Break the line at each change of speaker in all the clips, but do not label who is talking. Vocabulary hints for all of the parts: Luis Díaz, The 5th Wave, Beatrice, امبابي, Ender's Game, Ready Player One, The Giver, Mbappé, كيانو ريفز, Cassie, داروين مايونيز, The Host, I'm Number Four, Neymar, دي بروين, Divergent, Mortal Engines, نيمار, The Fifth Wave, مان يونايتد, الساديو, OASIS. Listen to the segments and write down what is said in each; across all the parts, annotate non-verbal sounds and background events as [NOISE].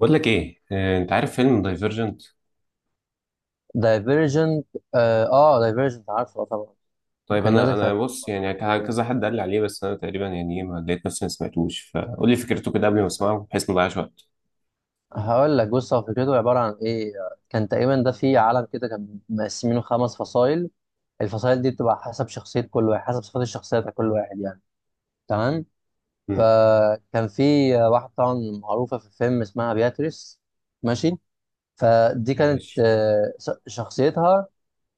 بقول لك ايه انت عارف فيلم دايفرجنت؟
دايفيرجنت. اه، دايفيرجنت عارفه، آه طبعا.
طيب
كان
انا
نازل في
انا بص يعني
أفلام.
كذا حد قال لي عليه، بس انا تقريبا يعني ايه ما لقيت نفسي ما سمعتوش. فقول لي فكرته كده قبل ما
بص،
اسمعه بحيث ما اضيعش وقت.
هقول لك. بص، هو فكرته عباره عن ايه. كان تقريبا ده في عالم كده، كان مقسمينه خمس فصائل. الفصائل دي بتبقى حسب شخصيه كل واحد، حسب صفات الشخصيه بتاع كل واحد يعني. تمام.
امم.
فكان في واحده طبعا معروفه في الفيلم اسمها بياتريس. ماشي. فدي كانت
ماشي.
شخصيتها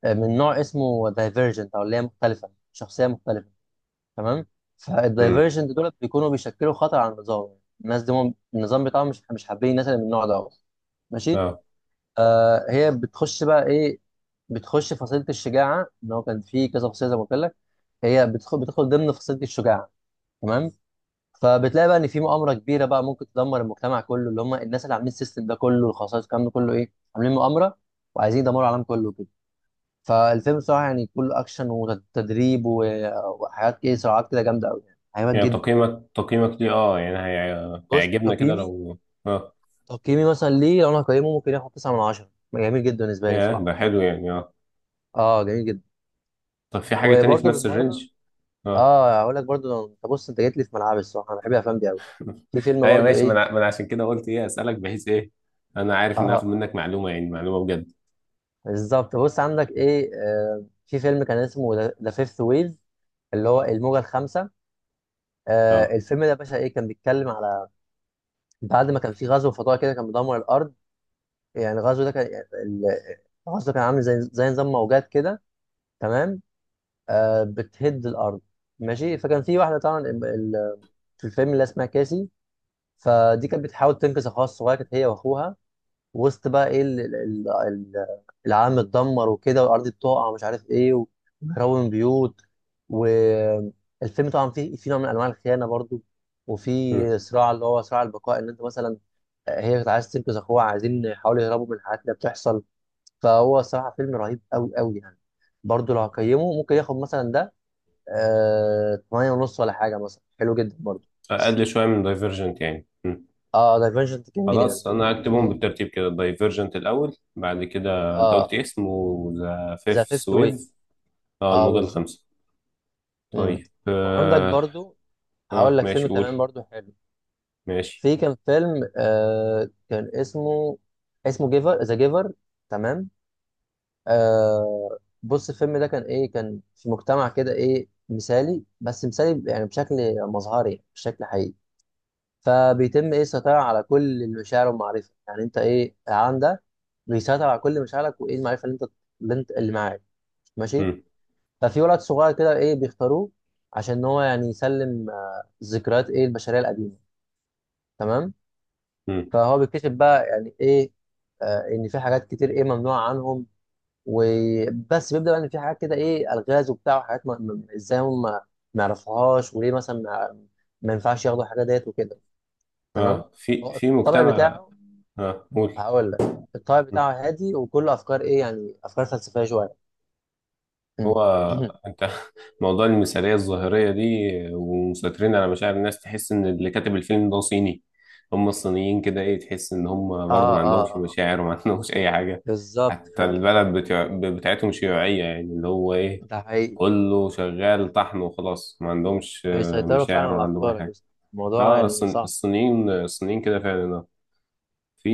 من نوع اسمه دايفيرجنت، او اللي هي مختلفه، شخصيه مختلفه. تمام.
امم.
فالدايفرجنت دول بيكونوا بيشكلوا خطر على النظام. الناس دي هم النظام بتاعهم مش حابين الناس اللي من النوع ده. ماشي.
اه.
آه، هي بتخش بقى ايه. بتخش فصيلة الشجاعة، ان هو كان في كذا فصيلة زي ما قلت لك. هي بتدخل ضمن فصيلة الشجاعة. تمام. فبتلاقي بقى ان في مؤامرة كبيرة بقى ممكن تدمر المجتمع كله، اللي هم الناس اللي عاملين السيستم ده كله، الخصائص، الكلام ده كله، ايه، عاملين مؤامرة، وعايزين يدمروا العالم كله كده. فالفيلم بصراحة يعني كله اكشن وتدريب وحاجات ايه، صراعات كده جامدة قوي يعني، حاجات
يعني
جدا.
تقييمك ليه؟ اه يعني
بص
هيعجبنا كده
تقييمي.
لو... اه،
مثلا ليه لو انا هقيمه، ممكن ياخد 9 من 10. جميل جدا بالنسبه لي
يا
بصراحه.
ده حلو يعني، اه.
اه جميل جدا.
طب في حاجة تانية في
وبرده
نفس
بالمره.
الرينج؟ اه.
اه هقول لك برده. انت بص، انت جيت لي في ملعبي الصراحه، انا بحب الافلام دي قوي. في فيلم
ايوه
برده
ماشي، ما
ايه.
انا ما أنا عشان كده قلت ايه اسالك، بحيث ايه. انا عارف
اه
ان
اه
هاخد
آه.
منك معلومه، يعني معلومه بجد.
بالظبط. بص، عندك ايه، آه، في فيلم كان اسمه ذا فيفث ويف، اللي هو الموجه الخامسه. آه،
اه.
الفيلم ده يا باشا ايه، كان بيتكلم على بعد ما كان في غزو فضائي كده كان بيدمر الارض. يعني الغزو ده كان ال- الغزو كان عامل زي نظام موجات كده. تمام. بتهد الارض. ماشي. فكان في واحده طبعا في الفيلم اللي اسمها كاسي. فدي كانت بتحاول تنقذ اخوها الصغير، كانت هي واخوها وسط بقى ايه العالم اتدمر وكده، والارض بتقع، ومش عارف ايه، وبيهربوا من بيوت. والفيلم طبعا فيه في نوع من انواع الخيانه برضو،
مم.
وفي صراع اللي هو صراع البقاء، ان انت مثلا هي كانت عايزه تنقذ اخوها، عايزين يحاولوا يهربوا من الحاجات اللي بتحصل. فهو صراحه فيلم رهيب قوي يعني. برضو لو هقيمه ممكن ياخد مثلا ده 8 ونص ولا حاجه مثلا، حلو جدا برضه.
اقل شويه من دايفرجنت يعني. مم.
اه دايفرجنت جميل يعني.
خلاص، انا هكتبهم بالترتيب كده. دايفرجنت الاول، بعد كده انت قلت إيه
اه،
اسمه؟ ذا فيف
ذا فيفث
سويف.
ويف.
اه،
اه
الموجة
بالظبط.
الخامسة.
مم.
طيب
وعندك
اه.
برضه.
آه.
هقول لك فيلم
ماشي، قول.
كمان برضه حلو.
ماشي.
في كان فيلم كان اسمه، جيفر، ذا جيفر. تمام. آه بص، الفيلم ده كان ايه، كان في مجتمع كده ايه مثالي، بس مثالي يعني بشكل مظهري مش بشكل حقيقي. فبيتم ايه السيطره على كل المشاعر والمعرفه. يعني انت ايه، العالم ده بيسيطر على كل مشاعرك وايه، المعرفه اللي انت اللي معاك. ماشي.
مم.
ففي ولد صغير كده ايه بيختاروه عشان هو يعني يسلم ذكريات ايه البشريه القديمه. تمام.
مم.
فهو بيكتشف بقى يعني ايه، آه، ان في حاجات كتير ايه ممنوعه عنهم. وبس بيبدا بقى ان في حاجات كده، ايه، الغاز وبتاع وحاجات، ازاي هم ما يعرفوهاش، وليه مثلا ما ينفعش ياخدوا الحاجات ديت وكده. تمام.
اه، في
هو
في
الطبع
مجتمع.
بتاعه.
اه، قول.
هقول لك. الطابع بتاعه هادي، وكله افكار ايه يعني، افكار فلسفيه شويه. مم.
هو
[CLEARS THROAT]
انت [LAUGHS] موضوع المثاليه الظاهريه دي، ومسيطرين على مشاعر الناس، تحس ان اللي كاتب الفيلم ده صيني. هم الصينيين كده، ايه، تحس ان هم
اه
برضو ما
اه
عندهمش
اه
مشاعر وما [LAUGHS] عندهمش اي حاجه.
بالظبط
حتى
فعلا.
البلد بتاعتهم شيوعيه، يعني اللي هو ايه،
ده حقيقي.
كله شغال طحن وخلاص، ما عندهمش
بيسيطروا فعلا
مشاعر ولا
على
عندهم اي
افكارك يا
حاجه.
اسطى. الموضوع
اه،
يعني صعب.
الصينيين كده فعلا، اه. في.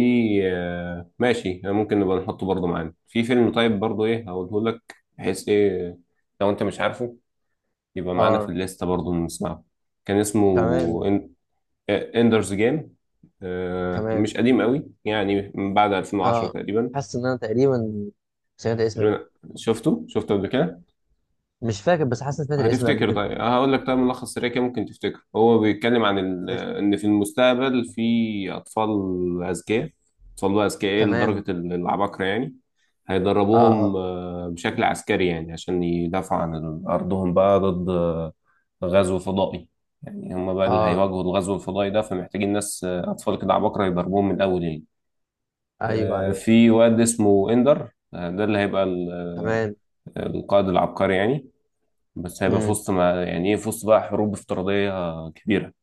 ماشي، ممكن نبقى نحطه برضه معانا في فيلم طيب برضه ايه هقوله لك، بحيث ايه، لو انت مش عارفه يبقى معانا في
اه.
الليسته برضو نسمعه. كان اسمه
تمام.
اندرز جيم.
تمام.
مش قديم قوي يعني، من بعد 2010
اه،
تقريبا.
حاسس ان انا تقريبا سمعت الاسم ده.
تقريباً. شفته قبل كده.
مش فاكر، بس حاسس ان سمعت الاسم ده قبل
هتفتكر؟
كده.
طيب هقول لك، طيب ملخص سريع كده ممكن تفتكر. هو بيتكلم عن
قشطة.
ان في المستقبل في اطفال اذكياء. اطفال بقى اذكياء إيه؟
تمام.
لدرجه العباقره يعني.
اه
هيدربوهم
اه
بشكل عسكري يعني، عشان يدافعوا عن ارضهم بقى ضد غزو فضائي. يعني هم بقى اللي
اه.
هيواجهوا الغزو الفضائي ده، فمحتاجين ناس، اطفال كده عباقره، يدربوهم من الاول يعني.
ايوه ايوه.
في واد اسمه اندر، ده اللي هيبقى
تمام.
القائد العبقري يعني. بس هيبقى في
امم.
وسط، ما يعني ايه، في وسط بقى حروب افتراضية كبيرة.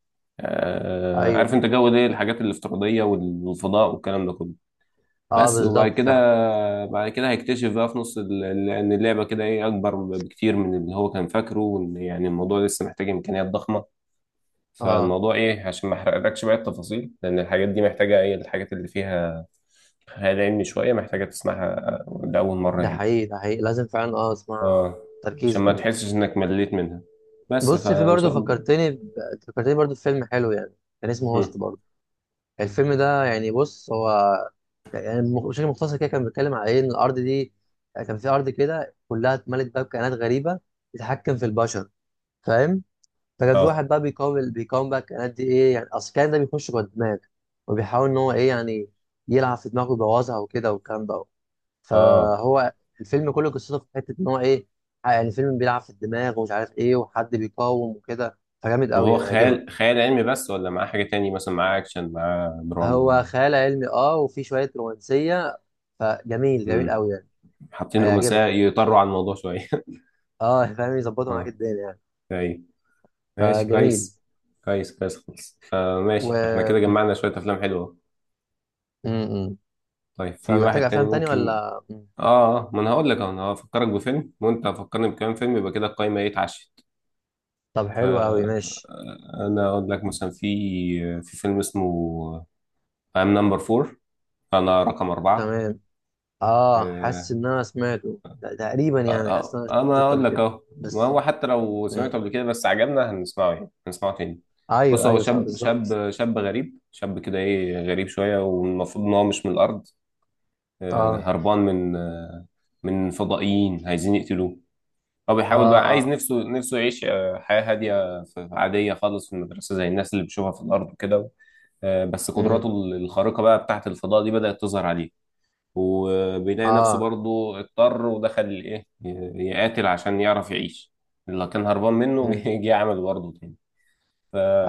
ايوه
عارف انت
ايوه.
جو ده، الحاجات الافتراضية والفضاء والكلام ده كله.
اه
بس، وبعد
بالظبط
كده
فعلا.
بعد كده هيكتشف بقى في نص ان اللعبة كده ايه اكبر بكتير من اللي هو كان فاكره، وان يعني الموضوع لسه محتاج امكانيات ضخمة.
اه.
فالموضوع ايه، عشان ما احرقلكش بقى التفاصيل، لان الحاجات دي محتاجة ايه، الحاجات اللي فيها خيال علمي شوية محتاجة تسمعها لأول مرة
ده
يعني.
حقيقي، ده حقيقي، لازم فعلا اه اسمع،
اه،
تركيز
عشان ما
وكده.
تحسش انك مليت منها، بس
بص، في
فان
برضه
شاء الله.
فكرتني ب... فكرتني برضه بفيلم حلو يعني، كان اسمه
مم.
هوست برضه. الفيلم ده يعني بص هو يعني بشكل مختصر كده كان بيتكلم على ايه، ان الارض دي يعني، كان في ارض كده كلها اتملت بقى بكائنات غريبه بتتحكم في البشر، فاهم. فكان في
اه،
واحد بقى بيقاوم بقى الكائنات دي، ايه يعني، اصل الكائن ده بيخش جوه الدماغ، وبيحاول ان هو ايه يعني يلعب في دماغه ويبوظها وكده والكلام ده.
اه.
فهو الفيلم كله قصته في حته ان هو ايه، يعني الفيلم بيلعب في الدماغ ومش عارف ايه، وحد بيقاوم وكده، فجامد
طب
قوي
هو
يعني، عجبك.
خيال علمي بس، ولا معاه حاجة تاني؟ مثلا معاه أكشن، معاه دراما،
هو
معاه...
خيال علمي اه وفي شويه رومانسيه. فجميل،
مم.
قوي يعني.
حاطين رومانسية
هيعجبك.
يطروا عن الموضوع شوية.
اه فاهم،
[LAUGHS]
يظبطوا معاك
اه.
الدنيا يعني.
أيوة. ماشي
فجميل.
كويس. كويس كويس خالص.
و
ماشي، احنا كده جمعنا شوية أفلام حلوة.
م- م-
طيب في
فمحتاج
واحد تاني
افلام تاني
ممكن؟
ولا
اه. ما أنا هقول لك أهو، أنا هفكرك بفيلم وأنت هتفكرني بكام فيلم، يبقى كده القايمة، إيه، اتعشت.
طب حلو قوي ماشي.
فأنا أقول لك مثلا في في فيلم اسمه I'm number four. أنا رقم 4.
تمام. اه حاسس
آه،
ان انا سمعته تقريبا
أه
يعني، حاسس
أه
ان انا
أنا
شفته
أقول
قبل
لك
كده
أهو، ما
بس.
هو حتى لو
م.
سمعته قبل كده بس عجبنا هنسمعه، يعني هنسمعه تاني. بص،
ايوه
هو
ايوه صح
شاب
بالظبط.
شاب شاب غريب شاب كده إيه غريب شوية، والمفروض إن هو مش من الأرض،
اه
هربان من من فضائيين عايزين يقتلوه. هو
اه
بيحاول بقى، عايز
اه.
نفسه يعيش حياة هادية، عادية خالص في المدرسة، زي الناس اللي بيشوفها في الأرض وكده. بس قدراته
امم.
الخارقة بقى بتاعت الفضاء دي بدأت تظهر عليه، وبيلاقي نفسه
اه.
برضه اضطر ودخل الايه، يقاتل عشان يعرف يعيش. اللي كان هربان منه [LAUGHS]
امم.
جه عمل برضه تاني.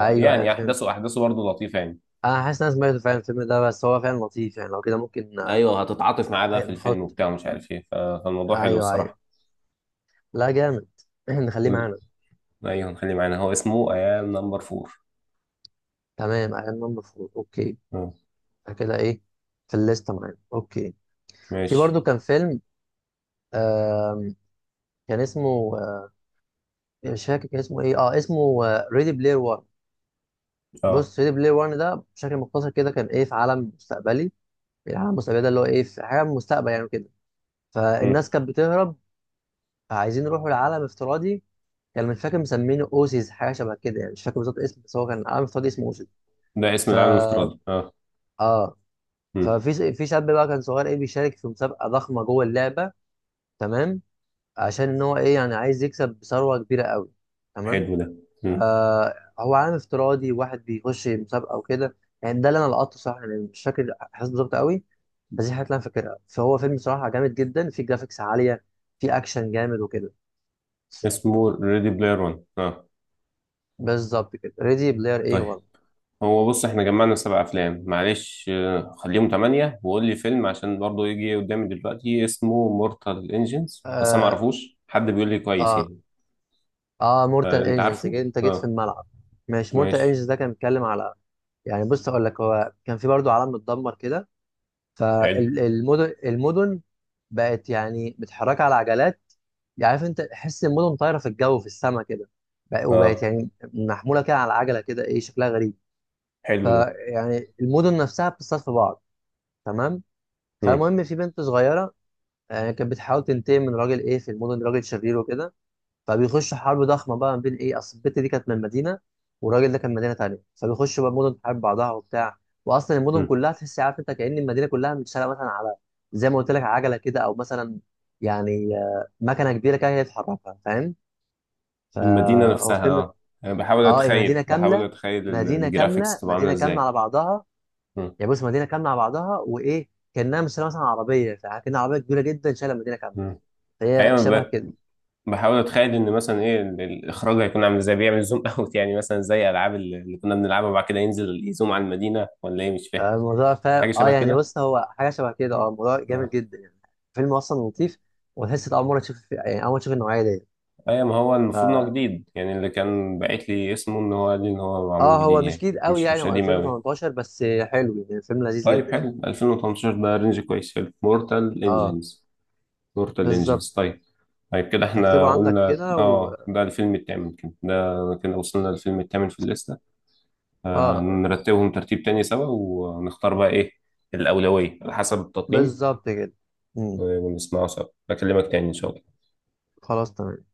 ايوه ايوه فهمت.
احداثه برضه لطيفه يعني.
انا حاسس ان انا سمعته فعلا الفيلم ده، بس هو فعلا لطيف يعني. لو كده ممكن
ايوه، هتتعاطف معاه بقى في الفيلم
نحط.
وبتاع ومش عارف ايه، فالموضوع حلو
ايوه ايوه
الصراحه.
لا جامد. [CLEARS THROAT] احنا نخليه
قول.
معانا.
ايوه، نخليه معانا. هو اسمه ايام نمبر فور.
تمام. ايام ما المفروض، اوكي
اه.
كده ايه، في الليسته معانا، اوكي. في
ماشي.
برضو كان فيلم آم، كان اسمه مش فاكر كان اسمه ايه. اه اسمه ريدي بلاير 1.
اه.
بص ريدي بلاير 1 ده بشكل مختصر كده كان ايه، في عالم مستقبلي. العالم المستقبلي ده اللي هو ايه، في حاجه من المستقبل يعني كده.
مم.
فالناس كانت بتهرب، عايزين نروحوا لعالم افتراضي. كان مش فاكر مسمينه اوسيس، حاجه شبه كده يعني، مش فاكر بالظبط اسم، بس هو كان عالم افتراضي اسمه اوسيس.
ده اسم
ف
العالم الافتراضي، اه.
اه
مم.
ففي شاب بقى كان صغير ايه بيشارك في مسابقه ضخمه جوه اللعبه. تمام. عشان ان هو ايه يعني، عايز يكسب بثروه كبيره قوي. تمام.
حلو ده. مم.
آه. هو عالم افتراضي، واحد بيخش مسابقه وكده. يعني ده اللي انا لقطته صح يعني، مش فاكر احساس بالظبط قوي، بس دي الحاجات اللي انا فاكرها. فهو فيلم صراحه جامد جدا، فيه جرافيكس عاليه، فيه اكشن جامد وكده.
اسمه ريدي بلاير 1، اه.
بالظبط كده، ريدي بلاير ايه
طيب،
والله.
هو بص احنا جمعنا 7 افلام، معلش خليهم تمانية. وقول لي فيلم، عشان برضه يجي قدامي دلوقتي اسمه مورتال انجنز، بس انا معرفوش حد بيقول لي كويس
اه.
يعني.
اه مورتال
فانت
انجنز،
عارفه.
انت جيت في
اه.
الملعب. ماشي. مورتال
ماشي.
انجنز ده كان بيتكلم على يعني، بص اقول لك، هو كان في برضو عالم متدمر كده.
حلو.
المدن بقت يعني متحركه على عجلات. يعني عارف انت، حس المدن طايره في الجو في السماء كده. وبقت
اه.
يعني محموله كده على عجله كده، ايه شكلها غريب.
حلو ده.
فيعني المدن نفسها بتصطاد في بعض. تمام.
مم.
فالمهم في بنت صغيره يعني، كانت بتحاول تنتقم من راجل ايه في المدن، راجل شرير وكده. فبيخشوا حرب ضخمه بقى ما بين ايه، اصل البت دي كانت من مدينه، والراجل ده كان من مدينه تانيه، فبيخشوا بقى مدن تحارب بعضها وبتاع. واصلا المدن
مم.
كلها تحس عارف انت، كأن المدينه كلها متشاله مثلا على زي ما قلت لك عجله كده، او مثلا يعني مكنه كبيره كده هي اللي بتحركها، فاهم.
المدينة
فهو
نفسها،
فيلم.
اه. انا بحاول
اه إيه، مدينه
اتخيل بحاول
كامله،
اتخيل الجرافيكس تبقى عاملة
مدينه كامله
ازاي.
على بعضها.
مم.
يعني بص، مدينه كامله على بعضها، وايه كانها مش شايلة مثلا عربيه، فكأنها عربيه كبيره جدا شايله مدينه كامله.
مم.
فهي
ايوه،
شبه كده.
بحاول اتخيل ان مثلا ايه الاخراج هيكون عامل ازاي، بيعمل زوم اوت [LAUGHS] يعني، مثلا زي العاب اللي كنا بنلعبها وبعد كده ينزل يزوم على المدينة ولا ايه، مش فاهم.
الموضوع فاهم،
حاجة
اه
شبه
يعني
كده.
بص هو حاجه شبه كده، اه الموضوع جامد
آه.
جدا يعني. فيلم اصلا لطيف، وتحس إنت اول مره تشوف يعني، اول مره تشوف النوعيه دي.
ايوه، ما هو
ف
المفروض ان هو جديد يعني. اللي كان باعت لي اسمه ان هو قال لي ان هو معمول
اه
جديد
هو مش
يعني،
جديد قوي
مش
يعني،
مش
هو
قديم قوي.
2018، بس حلو يعني فيلم لذيذ
طيب،
جدا يعني.
حلو. 2018 ده رينج كويس. حلو، مورتال
اه
انجنز. مورتال
بالظبط.
انجنز، طيب. طيب كده،
فاكتبه
احنا
عندك
قلنا
كده و
اه
اه،
ده الفيلم التامن كده، ده كده وصلنا للفيلم التامن في الليستة.
آه،
نرتبهم ترتيب تاني سوا ونختار بقى ايه الأولوية على حسب التقييم.
بالظبط كده. مم.
ونسمعه سوا، بكلمك تاني ان شاء الله.
خلاص تمام.